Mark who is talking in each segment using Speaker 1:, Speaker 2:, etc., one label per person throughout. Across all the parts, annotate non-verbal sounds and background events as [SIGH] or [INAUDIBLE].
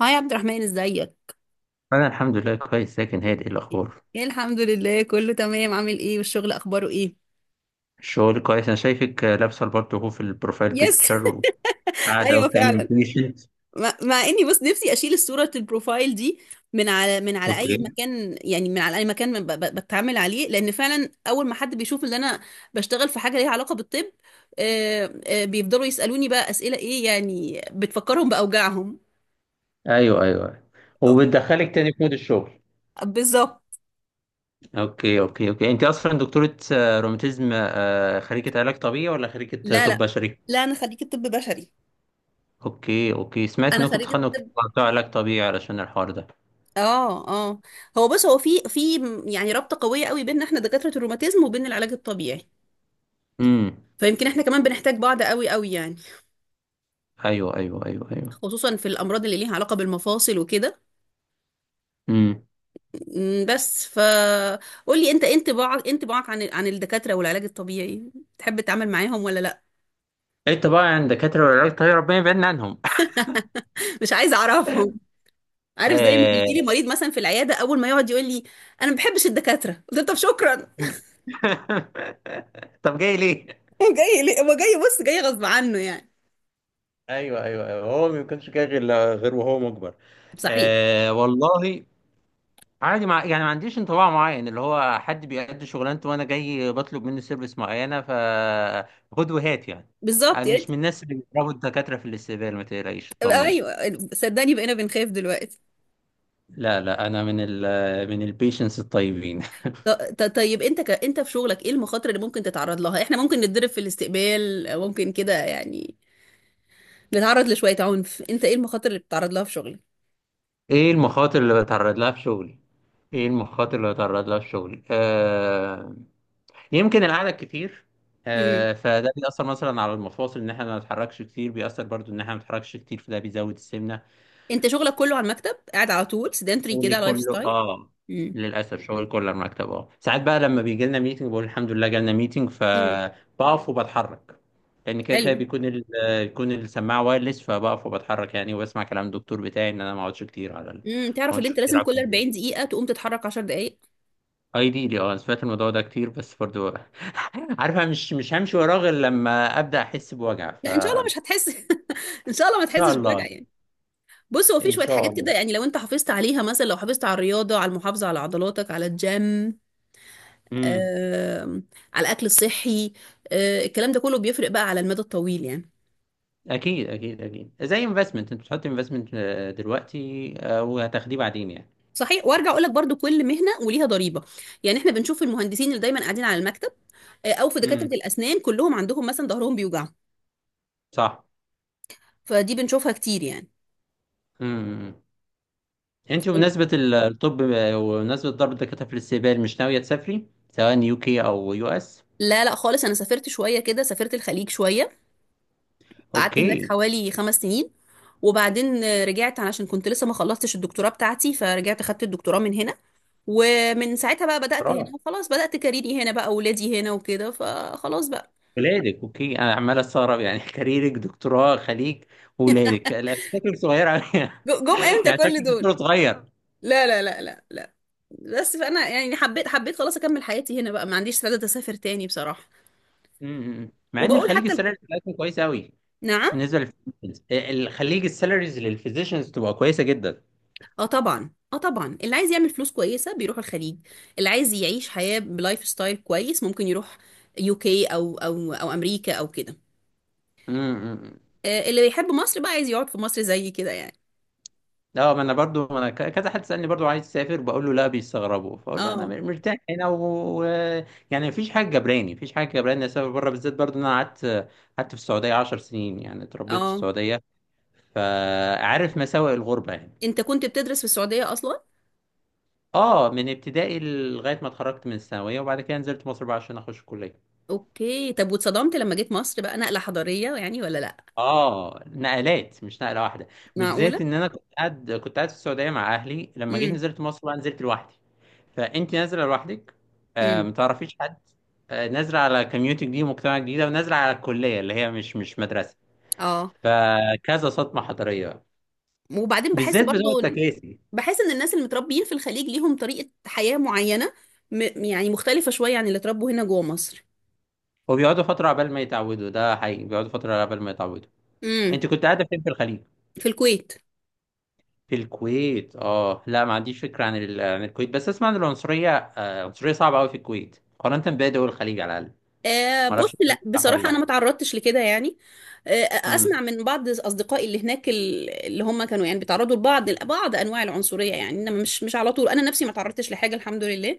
Speaker 1: هاي عبد الرحمن، ازيك؟
Speaker 2: انا الحمد لله كويس، لكن هادئ الاخبار.
Speaker 1: ايه، الحمد لله كله تمام. عامل ايه؟ والشغل اخباره ايه؟
Speaker 2: الشغل كويس. انا شايفك لابسه البارت اهو في البروفايل
Speaker 1: يس.
Speaker 2: بيكتشر،
Speaker 1: [LAUGHS]
Speaker 2: وقاعده
Speaker 1: ايوه،
Speaker 2: وتاني
Speaker 1: فعلا.
Speaker 2: بيشنت.
Speaker 1: مع اني بس، نفسي اشيل الصوره البروفايل دي من على
Speaker 2: اوكي.
Speaker 1: اي مكان، يعني من على اي مكان بتعامل عليه، لان فعلا اول ما حد بيشوف ان انا بشتغل في حاجه ليها علاقه بالطب، بيفضلوا يسالوني بقى اسئله، ايه يعني بتفكرهم باوجاعهم.
Speaker 2: ايوه، ايوه، وبتدخلك تاني في مود الشغل.
Speaker 1: بالظبط.
Speaker 2: اوكي. اوكي. اوكي، انت اصلا دكتوره روماتيزم، خريجه علاج طبيعي ولا خريجه
Speaker 1: لا،
Speaker 2: طب
Speaker 1: لا،
Speaker 2: بشري؟
Speaker 1: لا، انا خريجه طب بشري.
Speaker 2: اوكي. اوكي، سمعت
Speaker 1: انا
Speaker 2: انكم
Speaker 1: خريجه
Speaker 2: بتخانقوا
Speaker 1: طب.
Speaker 2: كتير على بتوع علاج طبيعي علشان الحوار ده.
Speaker 1: اه، اه. هو بص، هو في يعني رابطة قوية قوي بيننا احنا دكاترة الروماتيزم وبين العلاج الطبيعي.
Speaker 2: امم.
Speaker 1: فيمكن احنا كمان بنحتاج بعض قوي قوي يعني.
Speaker 2: ايوه، ايوه، ايوه، ايوه.
Speaker 1: خصوصا في الامراض اللي ليها علاقة بالمفاصل وكده.
Speaker 2: امم.
Speaker 1: بس فقول لي، انت إيه انطباعك عن الدكاترة والعلاج الطبيعي؟ تحب تتعامل معاهم ولا لا؟
Speaker 2: انت بقى عند دكاتره العلاج الطبيعي ربنا يبعدنا عنهم.
Speaker 1: [LAUGHS] مش عايزة اعرفهم. عارف، زي ما بيجي لي
Speaker 2: [LAUGHS]
Speaker 1: مريض مثلا في العيادة، اول ما يقعد يقول لي: انا ما بحبش الدكاترة، قلت له طب شكرا. [LAUGHS]
Speaker 2: [LAUGHS] طب جاي ليه؟
Speaker 1: هو جاي ليه؟ هو جاي، بص، جاي غصب عنه يعني.
Speaker 2: ايوه، ايوه، ايوه، هو ما كانش كده غير وهو مجبر.
Speaker 1: صحيح.
Speaker 2: آه والله. عادي، مع يعني ما عنديش انطباع معين. اللي هو حد بيأدي شغلانته وانا جاي بطلب منه سيرفيس معينه، ف خد وهات يعني. انا
Speaker 1: بالظبط، يا
Speaker 2: مش
Speaker 1: ريت.
Speaker 2: من الناس اللي بيضربوا الدكاتره في الاستقبال، ما تقلقيش طمني.
Speaker 1: ايوه. صدقني، بقينا بنخاف دلوقتي.
Speaker 2: لا، لا، انا من ال من البيشنس الطيبين.
Speaker 1: طيب، انت في شغلك ايه المخاطر اللي ممكن تتعرض لها؟ احنا ممكن نتضرب في الاستقبال، أو ممكن كده يعني نتعرض لشوية عنف. انت ايه المخاطر اللي بتتعرض لها في شغلك؟
Speaker 2: [LAUGHS] ايه المخاطر اللي بتعرض لها في شغلي ايه المخاطر اللي بتعرض لها في شغلي؟ آه، يمكن القعده الكتير.
Speaker 1: امم.
Speaker 2: فده بيأثر مثلا على المفاصل ان احنا ما نتحركش كتير، بيأثر برضو ان احنا ما نتحركش كتير فده بيزود السمنه.
Speaker 1: انت شغلك كله على المكتب، قاعد على طول، سيدنتري كده،
Speaker 2: شغلي
Speaker 1: على لايف
Speaker 2: كله،
Speaker 1: ستايل؟
Speaker 2: اه.
Speaker 1: امم.
Speaker 2: للاسف شغل كله على المكتب، اه. ساعات بقى لما بيجي لنا ميتنج بقول الحمد لله جالنا ميتنج،
Speaker 1: امم.
Speaker 2: فبقف وبتحرك. لان كده كده
Speaker 1: حلو.
Speaker 2: بيكون بيكون السماعه وايرلس، فبقف وبتحرك يعني، وبسمع كلام الدكتور بتاعي ان انا ما اقعدش كتير
Speaker 1: تعرف ان انت لازم
Speaker 2: على
Speaker 1: كل
Speaker 2: الكمبيوتر.
Speaker 1: 40 دقيقة تقوم تتحرك 10 دقائق.
Speaker 2: ايديلي، اه. أنا سمعت الموضوع ده كتير بس برضو [LAUGHS] عارفه، مش همشي وراه غير لما ابدا احس بوجع، ف
Speaker 1: لا، ان شاء الله مش هتحس، [LAUGHS] ان شاء الله ما
Speaker 2: شاء
Speaker 1: تحسش بوجع
Speaker 2: الله.
Speaker 1: يعني. بص، هو في
Speaker 2: ان
Speaker 1: شوية
Speaker 2: شاء
Speaker 1: حاجات كده
Speaker 2: الله.
Speaker 1: يعني، لو انت حافظت عليها، مثلا لو حافظت على الرياضة، على المحافظة على عضلاتك، على الجيم،
Speaker 2: امم.
Speaker 1: آه، على الاكل الصحي. الكلام ده كله بيفرق بقى على المدى الطويل يعني.
Speaker 2: اكيد، اكيد، اكيد. زي انفستمنت، انت بتحط انفستمنت دلوقتي، وهتاخديه بعدين يعني.
Speaker 1: صحيح. وارجع اقول لك برضو: كل مهنه وليها ضريبه، يعني احنا بنشوف المهندسين اللي دايما قاعدين على المكتب، او في دكاتره
Speaker 2: امم.
Speaker 1: الاسنان كلهم عندهم مثلا ظهرهم بيوجعهم.
Speaker 2: صح.
Speaker 1: فدي بنشوفها كتير يعني.
Speaker 2: امم، انت بمناسبه الطب، وبمناسبه ضرب الدكاتره في الاستقبال، مش ناويه تسافري سواء يو كي او يو اس؟
Speaker 1: لا، لا، خالص. انا سافرت شويه كده، سافرت الخليج شويه. قعدت هناك
Speaker 2: اوكي.
Speaker 1: حوالي 5 سنين. وبعدين رجعت علشان كنت لسه ما خلصتش الدكتوراه بتاعتي، فرجعت خدت الدكتوراه من هنا. ومن ساعتها بقى بدأت هنا،
Speaker 2: برافو.
Speaker 1: وخلاص بدأت كاريري هنا بقى، ولادي هنا وكده، فخلاص بقى.
Speaker 2: ولادك، اوكي. انا عمال استغرب يعني [LAUGHS] كاريرك، دكتوراه، خليج، ولادك، لا بس شكلك صغير قوي.
Speaker 1: جم
Speaker 2: [LAUGHS]
Speaker 1: امتى
Speaker 2: يعني شكلك
Speaker 1: كل دول!
Speaker 2: دكتور صغير. امم.
Speaker 1: لا، لا، لا، لا، لا. بس فأنا يعني حبيت، حبيت خلاص أكمل حياتي هنا بقى، ما عنديش سعادة أسافر تاني بصراحة.
Speaker 2: مع ان
Speaker 1: وبقول
Speaker 2: الخليج
Speaker 1: حتى ال-.
Speaker 2: السالري بتاعتهم كويس قوي.
Speaker 1: نعم؟
Speaker 2: بالنسبه للفيزيشنز، الخليج السالاريز للفيزيشنز تبقى كويسه جدا.
Speaker 1: اه طبعا، اه طبعا، اللي عايز يعمل فلوس كويسة بيروح الخليج. اللي عايز يعيش حياة بلايف ستايل كويس ممكن يروح UK، أو أمريكا أو كده.
Speaker 2: امم.
Speaker 1: اللي بيحب مصر بقى عايز يقعد في مصر زي كده يعني.
Speaker 2: اه، ما انا برضو، ما انا ك- كذا حد سالني برضو عايز تسافر بقول له لا، بيستغربوا فاقول له انا
Speaker 1: اه،
Speaker 2: مرتاح هنا و و- يعني مفيش حاجه جبراني إني اسافر بره، بالذات برضو ان انا قعدت في السعوديه 10 سنين، يعني اتربيت في
Speaker 1: اه،
Speaker 2: السعوديه، فعارف مساوئ الغربه يعني.
Speaker 1: انت كنت بتدرس في السعودية أصلا؟
Speaker 2: اه، من ابتدائي لغايه ما اتخرجت من الثانويه، وبعد كده نزلت مصر بقى عشان اخش الكليه.
Speaker 1: اوكي، طب واتصدمت لما جيت مصر بقى؟ نقلة حضارية يعني ولا لا؟
Speaker 2: اه، نقلات مش نقله واحده.
Speaker 1: معقولة؟
Speaker 2: بالذات ان انا كنت قاعد في السعوديه مع اهلي، لما جيت
Speaker 1: امم،
Speaker 2: نزلت مصر بقى نزلت لوحدي. فانت نازله لوحدك، ما
Speaker 1: امم،
Speaker 2: تعرفيش حد، نازله على كميونتي جديد ومجتمع جديد، ونازله على الكليه اللي هي مش مدرسه.
Speaker 1: اه.
Speaker 2: فكذا صدمه حضاريه بقى.
Speaker 1: وبعدين بحس
Speaker 2: بالذات بتوع
Speaker 1: برضو إن-.
Speaker 2: التكاسي.
Speaker 1: بحس ان الناس اللي متربيين في الخليج ليهم طريقة حياة معينة، يعني مختلفة شوية عن اللي اتربوا هنا جوه مصر.
Speaker 2: وبيقعدوا فتره عبال ما يتعودوا، ده حقيقي، بيقعدوا فتره عبال ما يتعودوا.
Speaker 1: امم.
Speaker 2: انت كنت قاعده فين في الخليج؟
Speaker 1: في الكويت.
Speaker 2: في الكويت. اه، لا ما عنديش فكرة عن الكويت، بس اسمع ان العنصرية، عنصرية صعبة قوي في الكويت مقارنة بباقي دول الخليج على الاقل. ما اعرفش
Speaker 1: بص،
Speaker 2: الكلام
Speaker 1: لا
Speaker 2: ده صح ولا
Speaker 1: بصراحة أنا
Speaker 2: لا.
Speaker 1: ما تعرضتش لكده يعني. آه. أسمع
Speaker 2: امم.
Speaker 1: من بعض أصدقائي اللي هناك، اللي هم كانوا يعني بيتعرضوا لبعض أنواع العنصرية يعني، إنما مش على طول، أنا نفسي ما تعرضتش لحاجة الحمد لله.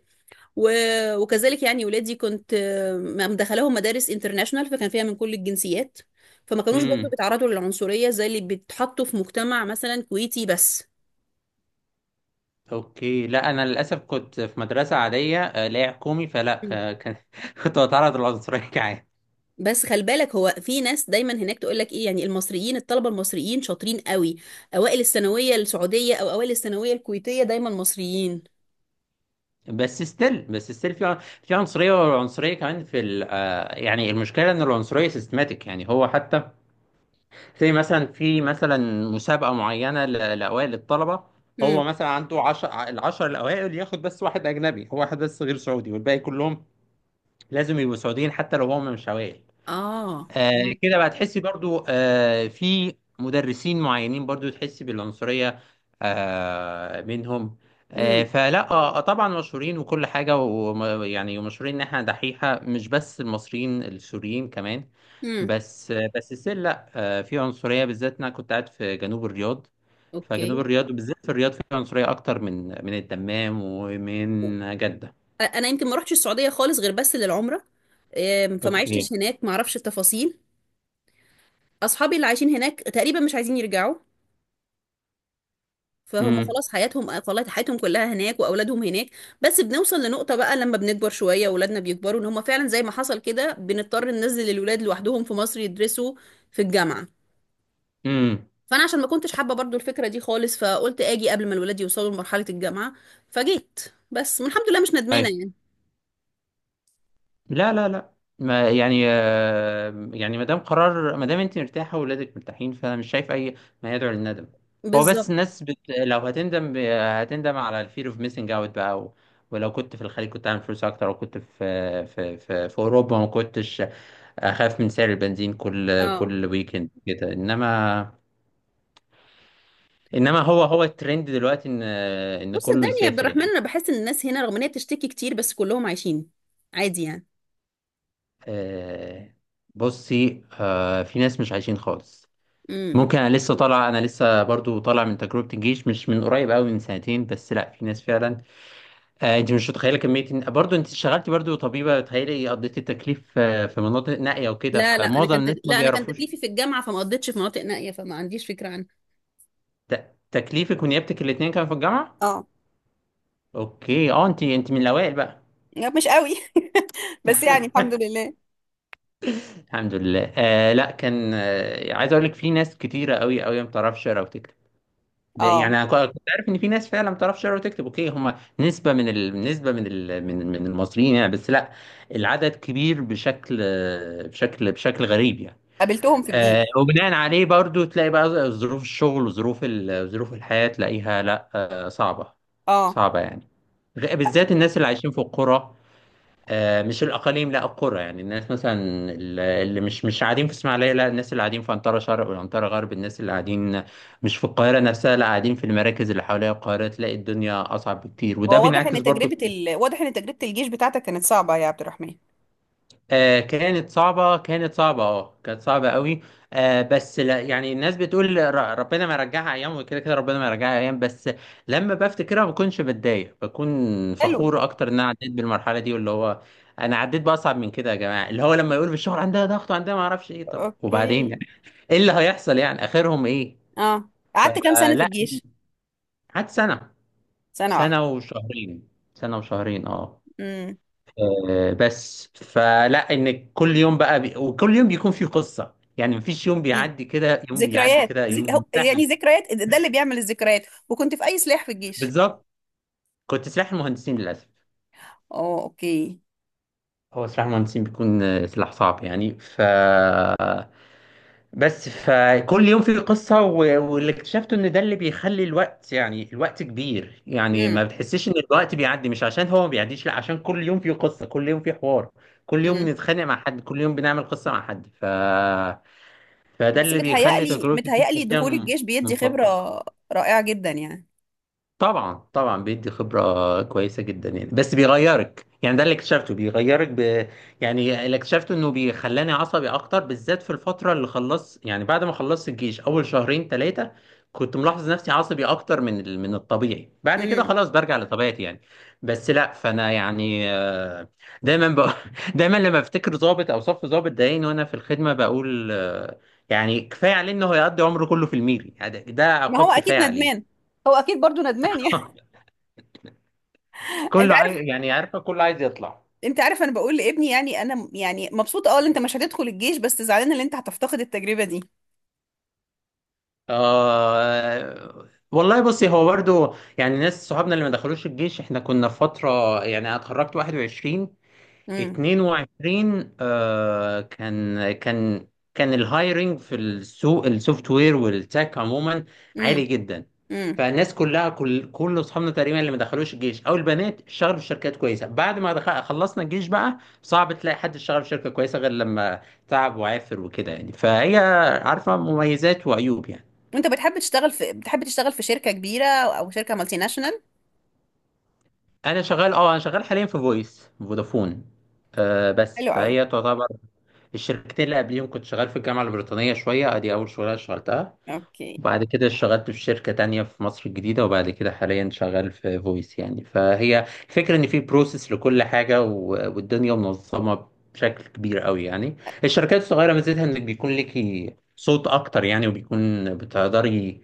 Speaker 1: وكذلك يعني ولادي، كنت مدخلاهم مدارس انترناشونال، فكان فيها من كل الجنسيات. فما كانوش برضو
Speaker 2: امم.
Speaker 1: بيتعرضوا للعنصرية زي اللي بيتحطوا في مجتمع مثلا كويتي بس.
Speaker 2: اوكي. لا، انا للاسف كنت في مدرسة عادية، لا هي حكومي فلا
Speaker 1: مم.
Speaker 2: ك... ك... [LAUGHS] كنت بتعرض للعنصرية [LAUGHS] كعادي.
Speaker 1: بس خلي بالك، هو في ناس دايما هناك تقول لك ايه يعني: المصريين، الطلبه المصريين شاطرين قوي، اوائل الثانويه السعوديه او اوائل الثانويه الكويتيه دايما مصريين.
Speaker 2: بس ستيل في في عنصرية، والعنصرية كمان في ال... آه، يعني المشكلة ان العنصرية سيستماتيك يعني، هو حتى زي مثلا، في مسابقة معينة لأوائل الطلبة،
Speaker 1: مم.
Speaker 2: هو مثلا عنده العشر الأوائل، ياخد بس واحد أجنبي، هو واحد بس غير سعودي والباقي كلهم لازم يبقوا سعوديين حتى لو هم مش أوائل.
Speaker 1: اه، مم.
Speaker 2: كده بقى تحسي برضو، في مدرسين معينين برضو تحسي بالعنصرية، منهم.
Speaker 1: امم،
Speaker 2: فلا، طبعا مشهورين وكل حاجة، ويعني مشهورين إن إحنا دحيحة، مش بس المصريين، السوريين كمان.
Speaker 1: مم.
Speaker 2: بس السيل، لا في عنصرية، بالذات انا كنت قاعد في جنوب الرياض. فجنوب
Speaker 1: اوكي.
Speaker 2: الرياض وبالذات في الرياض في عنصرية اكتر من الدمام ومن جدة.
Speaker 1: انا يمكن ما رحتش السعوديه خالص غير بس للعمره. فما
Speaker 2: اوكي.
Speaker 1: عشتش هناك، ما اعرفش التفاصيل. اصحابي اللي عايشين هناك تقريبا مش عايزين يرجعوا. فهم
Speaker 2: امم.
Speaker 1: خلاص، حياتهم خلاص، حياتهم كلها هناك، واولادهم هناك. بس بنوصل لنقطة بقى لما بنكبر شوية، اولادنا بيكبروا، ان هم فعلا زي ما حصل كده بنضطر ننزل الولاد لوحدهم في مصر يدرسوا في الجامعة.
Speaker 2: امم.
Speaker 1: فانا عشان ما كنتش حابة برضو الفكرة دي خالص، فقلت اجي قبل ما الولاد يوصلوا لمرحلة الجامعة، فجيت. بس الحمد لله مش ندمانة
Speaker 2: ايوه.
Speaker 1: يعني.
Speaker 2: لا، لا، لا، ما يعني، يعني ما دام قرار، ما دام انت مرتاحة واولادك مرتاحين، فانا مش شايف اي ما يدعو للندم. هو بس
Speaker 1: بالظبط.
Speaker 2: الناس لو هتندم هتندم على الفير اوف ميسنج اوت بقى، و ولو كنت في الخليج كنت عامل فلوس اكتر، وكنت في اوروبا ما كنتش اخاف من سعر البنزين كل
Speaker 1: اه.
Speaker 2: كل ويكند كده، انما انما هو الترند دلوقتي ان
Speaker 1: بص،
Speaker 2: كله
Speaker 1: صدقني يا عبد
Speaker 2: يسافر
Speaker 1: الرحمن،
Speaker 2: يعني.
Speaker 1: انا بحس ان الناس هنا رغم ان هي بتشتكي كتير، بس كلهم عايشين عادي
Speaker 2: آه، بصي، في ناس مش عايشين خالص.
Speaker 1: يعني.
Speaker 2: ممكن، انا لسه برضو طالع من تجربه الجيش مش من قريب قوي، من سنتين بس، لا في ناس فعلا، انت مش متخيله كميه برضو انت اشتغلتي برضو طبيبه، تخيلي قضيتي التكليف في مناطق نائيه وكده،
Speaker 1: لا، لا،
Speaker 2: معظم الناس ما
Speaker 1: لا انا كان
Speaker 2: بيعرفوش.
Speaker 1: تكليفي في الجامعه، فما قضيتش في مناطق نائيه، فما عنديش فكره عنها.
Speaker 2: تكليفك ونيابتك الاثنين كانوا في الجامعه؟
Speaker 1: اه.
Speaker 2: اوكي. اه، انت من الاوائل بقى؟
Speaker 1: لا، مش قوي. [LAUGHS] بس يعني الحمد لله.
Speaker 2: الحمد لله. لا كان، عايز اقول لك في ناس كتيره قوي قوي ما بتعرفش تقرا وتكتب. يعني
Speaker 1: اه،
Speaker 2: انا كنت عارف ان في ناس فعلا ما بتعرفش تقرا وتكتب، اوكي، هم نسبه من ال... نسبه من ال... من من المصريين يعني، بس لا، العدد كبير بشكل، بشكل غريب يعني.
Speaker 1: قابلتهم في الجيش.
Speaker 2: وبناء عليه برضو تلاقي بقى ظروف الشغل ظروف الحياه تلاقيها، لا صعبه،
Speaker 1: اه،
Speaker 2: صعبه يعني. بالذات الناس اللي عايشين في القرى، مش الاقاليم لا القرى، يعني الناس مثلا اللي مش قاعدين في اسماعيليه، لا الناس اللي قاعدين في عنترة شرق والعنترة غرب، الناس اللي قاعدين مش في القاهره نفسها، لا قاعدين في المراكز اللي حواليها القاهره، تلاقي الدنيا اصعب بكتير، وده
Speaker 1: هو واضح
Speaker 2: بينعكس
Speaker 1: ان
Speaker 2: برضو.
Speaker 1: تجربة الجيش بتاعتك كانت صعبة يا عبد الرحمن.
Speaker 2: آه كانت صعبة، كانت صعبة، اه كانت صعبة قوي. آه، بس لا يعني، الناس بتقول ربنا ما يرجعها ايام، وكده كده ربنا ما يرجعها ايام، بس لما بفتكرها ما بكونش بتضايق، بكون
Speaker 1: حلو.
Speaker 2: فخور اكتر ان انا عديت بالمرحلة دي، واللي هو انا عديت باصعب من كده يا جماعة، اللي هو لما يقول في الشغل عندها ضغط وعندها ما اعرفش ايه، طب وبعدين
Speaker 1: اوكي،
Speaker 2: يعني، ايه اللي هيحصل يعني؟ اخرهم ايه؟
Speaker 1: اه، قعدت كام سنة في
Speaker 2: فلا،
Speaker 1: الجيش؟
Speaker 2: قعدت سنة.
Speaker 1: سنة واحدة؟
Speaker 2: سنة وشهرين، سنة وشهرين، اه.
Speaker 1: امم.
Speaker 2: بس فلا، ان كل يوم بقى وكل يوم بيكون فيه قصه يعني، مفيش يوم
Speaker 1: اكيد.
Speaker 2: بيعدي كده، يوم بيعدي كده يوم سهل.
Speaker 1: يعني ذكريات، ده اللي بيعمل الذكريات. وكنت في اي سلاح في الجيش؟
Speaker 2: بالظبط. كنت سلاح المهندسين للاسف.
Speaker 1: اه، اوكي.
Speaker 2: هو سلاح المهندسين بيكون سلاح صعب يعني، ف بس فكل يوم فيه قصه واللي اكتشفته ان ده اللي بيخلي الوقت، يعني الوقت كبير يعني، ما بتحسش ان الوقت بيعدي، مش عشان هو ما بيعديش، لا عشان كل يوم فيه قصه، كل يوم فيه حوار، كل يوم
Speaker 1: امم.
Speaker 2: بنتخانق مع حد، كل يوم بنعمل قصه مع حد، ف فده
Speaker 1: بس
Speaker 2: اللي بيخلي
Speaker 1: متهيألي
Speaker 2: تجربة
Speaker 1: متهيألي
Speaker 2: الجيم كده
Speaker 1: دخول الجيش بيدي خبرة
Speaker 2: ممتطة.
Speaker 1: رائعة جدا يعني.
Speaker 2: طبعا، طبعا، بيدي خبرة كويسة جدا يعني، بس بيغيرك يعني، ده اللي اكتشفته، بيغيرك يعني اللي اكتشفته انه بيخلاني عصبي اكتر، بالذات في الفترة اللي خلصت يعني، بعد ما خلصت الجيش اول شهرين ثلاثة كنت ملاحظ نفسي عصبي اكتر من الطبيعي، بعد كده
Speaker 1: امم.
Speaker 2: خلاص برجع لطبيعتي يعني. بس لا، فانا يعني، دايما [LAUGHS] دايما لما افتكر ضابط او صف ضابط ضايقني وانا في الخدمة، بقول يعني كفاية عليه انه هيقضي عمره كله في الميري يعني، ده
Speaker 1: ما هو
Speaker 2: عقاب
Speaker 1: اكيد
Speaker 2: كفاية
Speaker 1: ندمان.
Speaker 2: عليه.
Speaker 1: هو اكيد برضو ندمان يعني.
Speaker 2: [LAUGHS]
Speaker 1: [LAUGHS] انت
Speaker 2: كله عايز
Speaker 1: عارف.
Speaker 2: يعني، عارفه كله عايز يطلع.
Speaker 1: انت عارف انا بقول لابني يعني، انا يعني مبسوطة ان انت مش هتدخل الجيش، بس زعلانة ان انت هتفتقد التجربة دي.
Speaker 2: آه والله. بصي، هو برضو يعني ناس صحابنا اللي ما دخلوش الجيش، احنا كنا في فتره يعني، انا اتخرجت 21
Speaker 1: امم،
Speaker 2: 22، كان الهايرنج في السوق السوفت وير والتك عموما عالي
Speaker 1: امم،
Speaker 2: جدا.
Speaker 1: امم.
Speaker 2: فالناس كلها، كل اصحابنا تقريبا اللي ما دخلوش الجيش او البنات، اشتغلوا في شركات كويسه. بعد ما خلصنا الجيش بقى صعب تلاقي حد اشتغل في شركه كويسه غير لما تعب وعافر وكده يعني، فهي عارفه مميزات وعيوب يعني.
Speaker 1: وانت بتحب تشتغل في شركة كبيرة او شركة مالتي ناشونال؟
Speaker 2: انا شغال حاليا في فويس فودافون. بس
Speaker 1: حلو قوي.
Speaker 2: فهي تعتبر. الشركتين اللي قبليهم كنت شغال في الجامعة البريطانية شوية، ادي اول شغلانة اشتغلتها.
Speaker 1: اوكي.
Speaker 2: وبعد كده اشتغلت في شركة تانية في مصر الجديدة، وبعد كده حاليا شغال في فويس يعني، فهي الفكرة ان في بروسيس لكل حاجة، والدنيا منظمة بشكل كبير قوي يعني. الشركات الصغيرة ميزتها انك بيكون ليكي صوت اكتر يعني، وبيكون بتقدري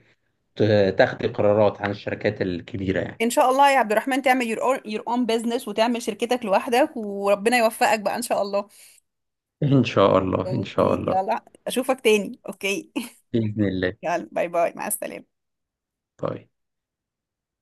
Speaker 2: تاخدي قرارات عن الشركات الكبيرة يعني.
Speaker 1: ان شاء الله يا عبد الرحمن تعمل your own business، وتعمل شركتك لوحدك، وربنا يوفقك بقى ان شاء الله.
Speaker 2: ان شاء الله. ان شاء
Speaker 1: اوكي،
Speaker 2: الله.
Speaker 1: يلا اشوفك تاني. اوكي.
Speaker 2: بإذن الله.
Speaker 1: يلا، باي باي، مع السلامة.
Speaker 2: طيب.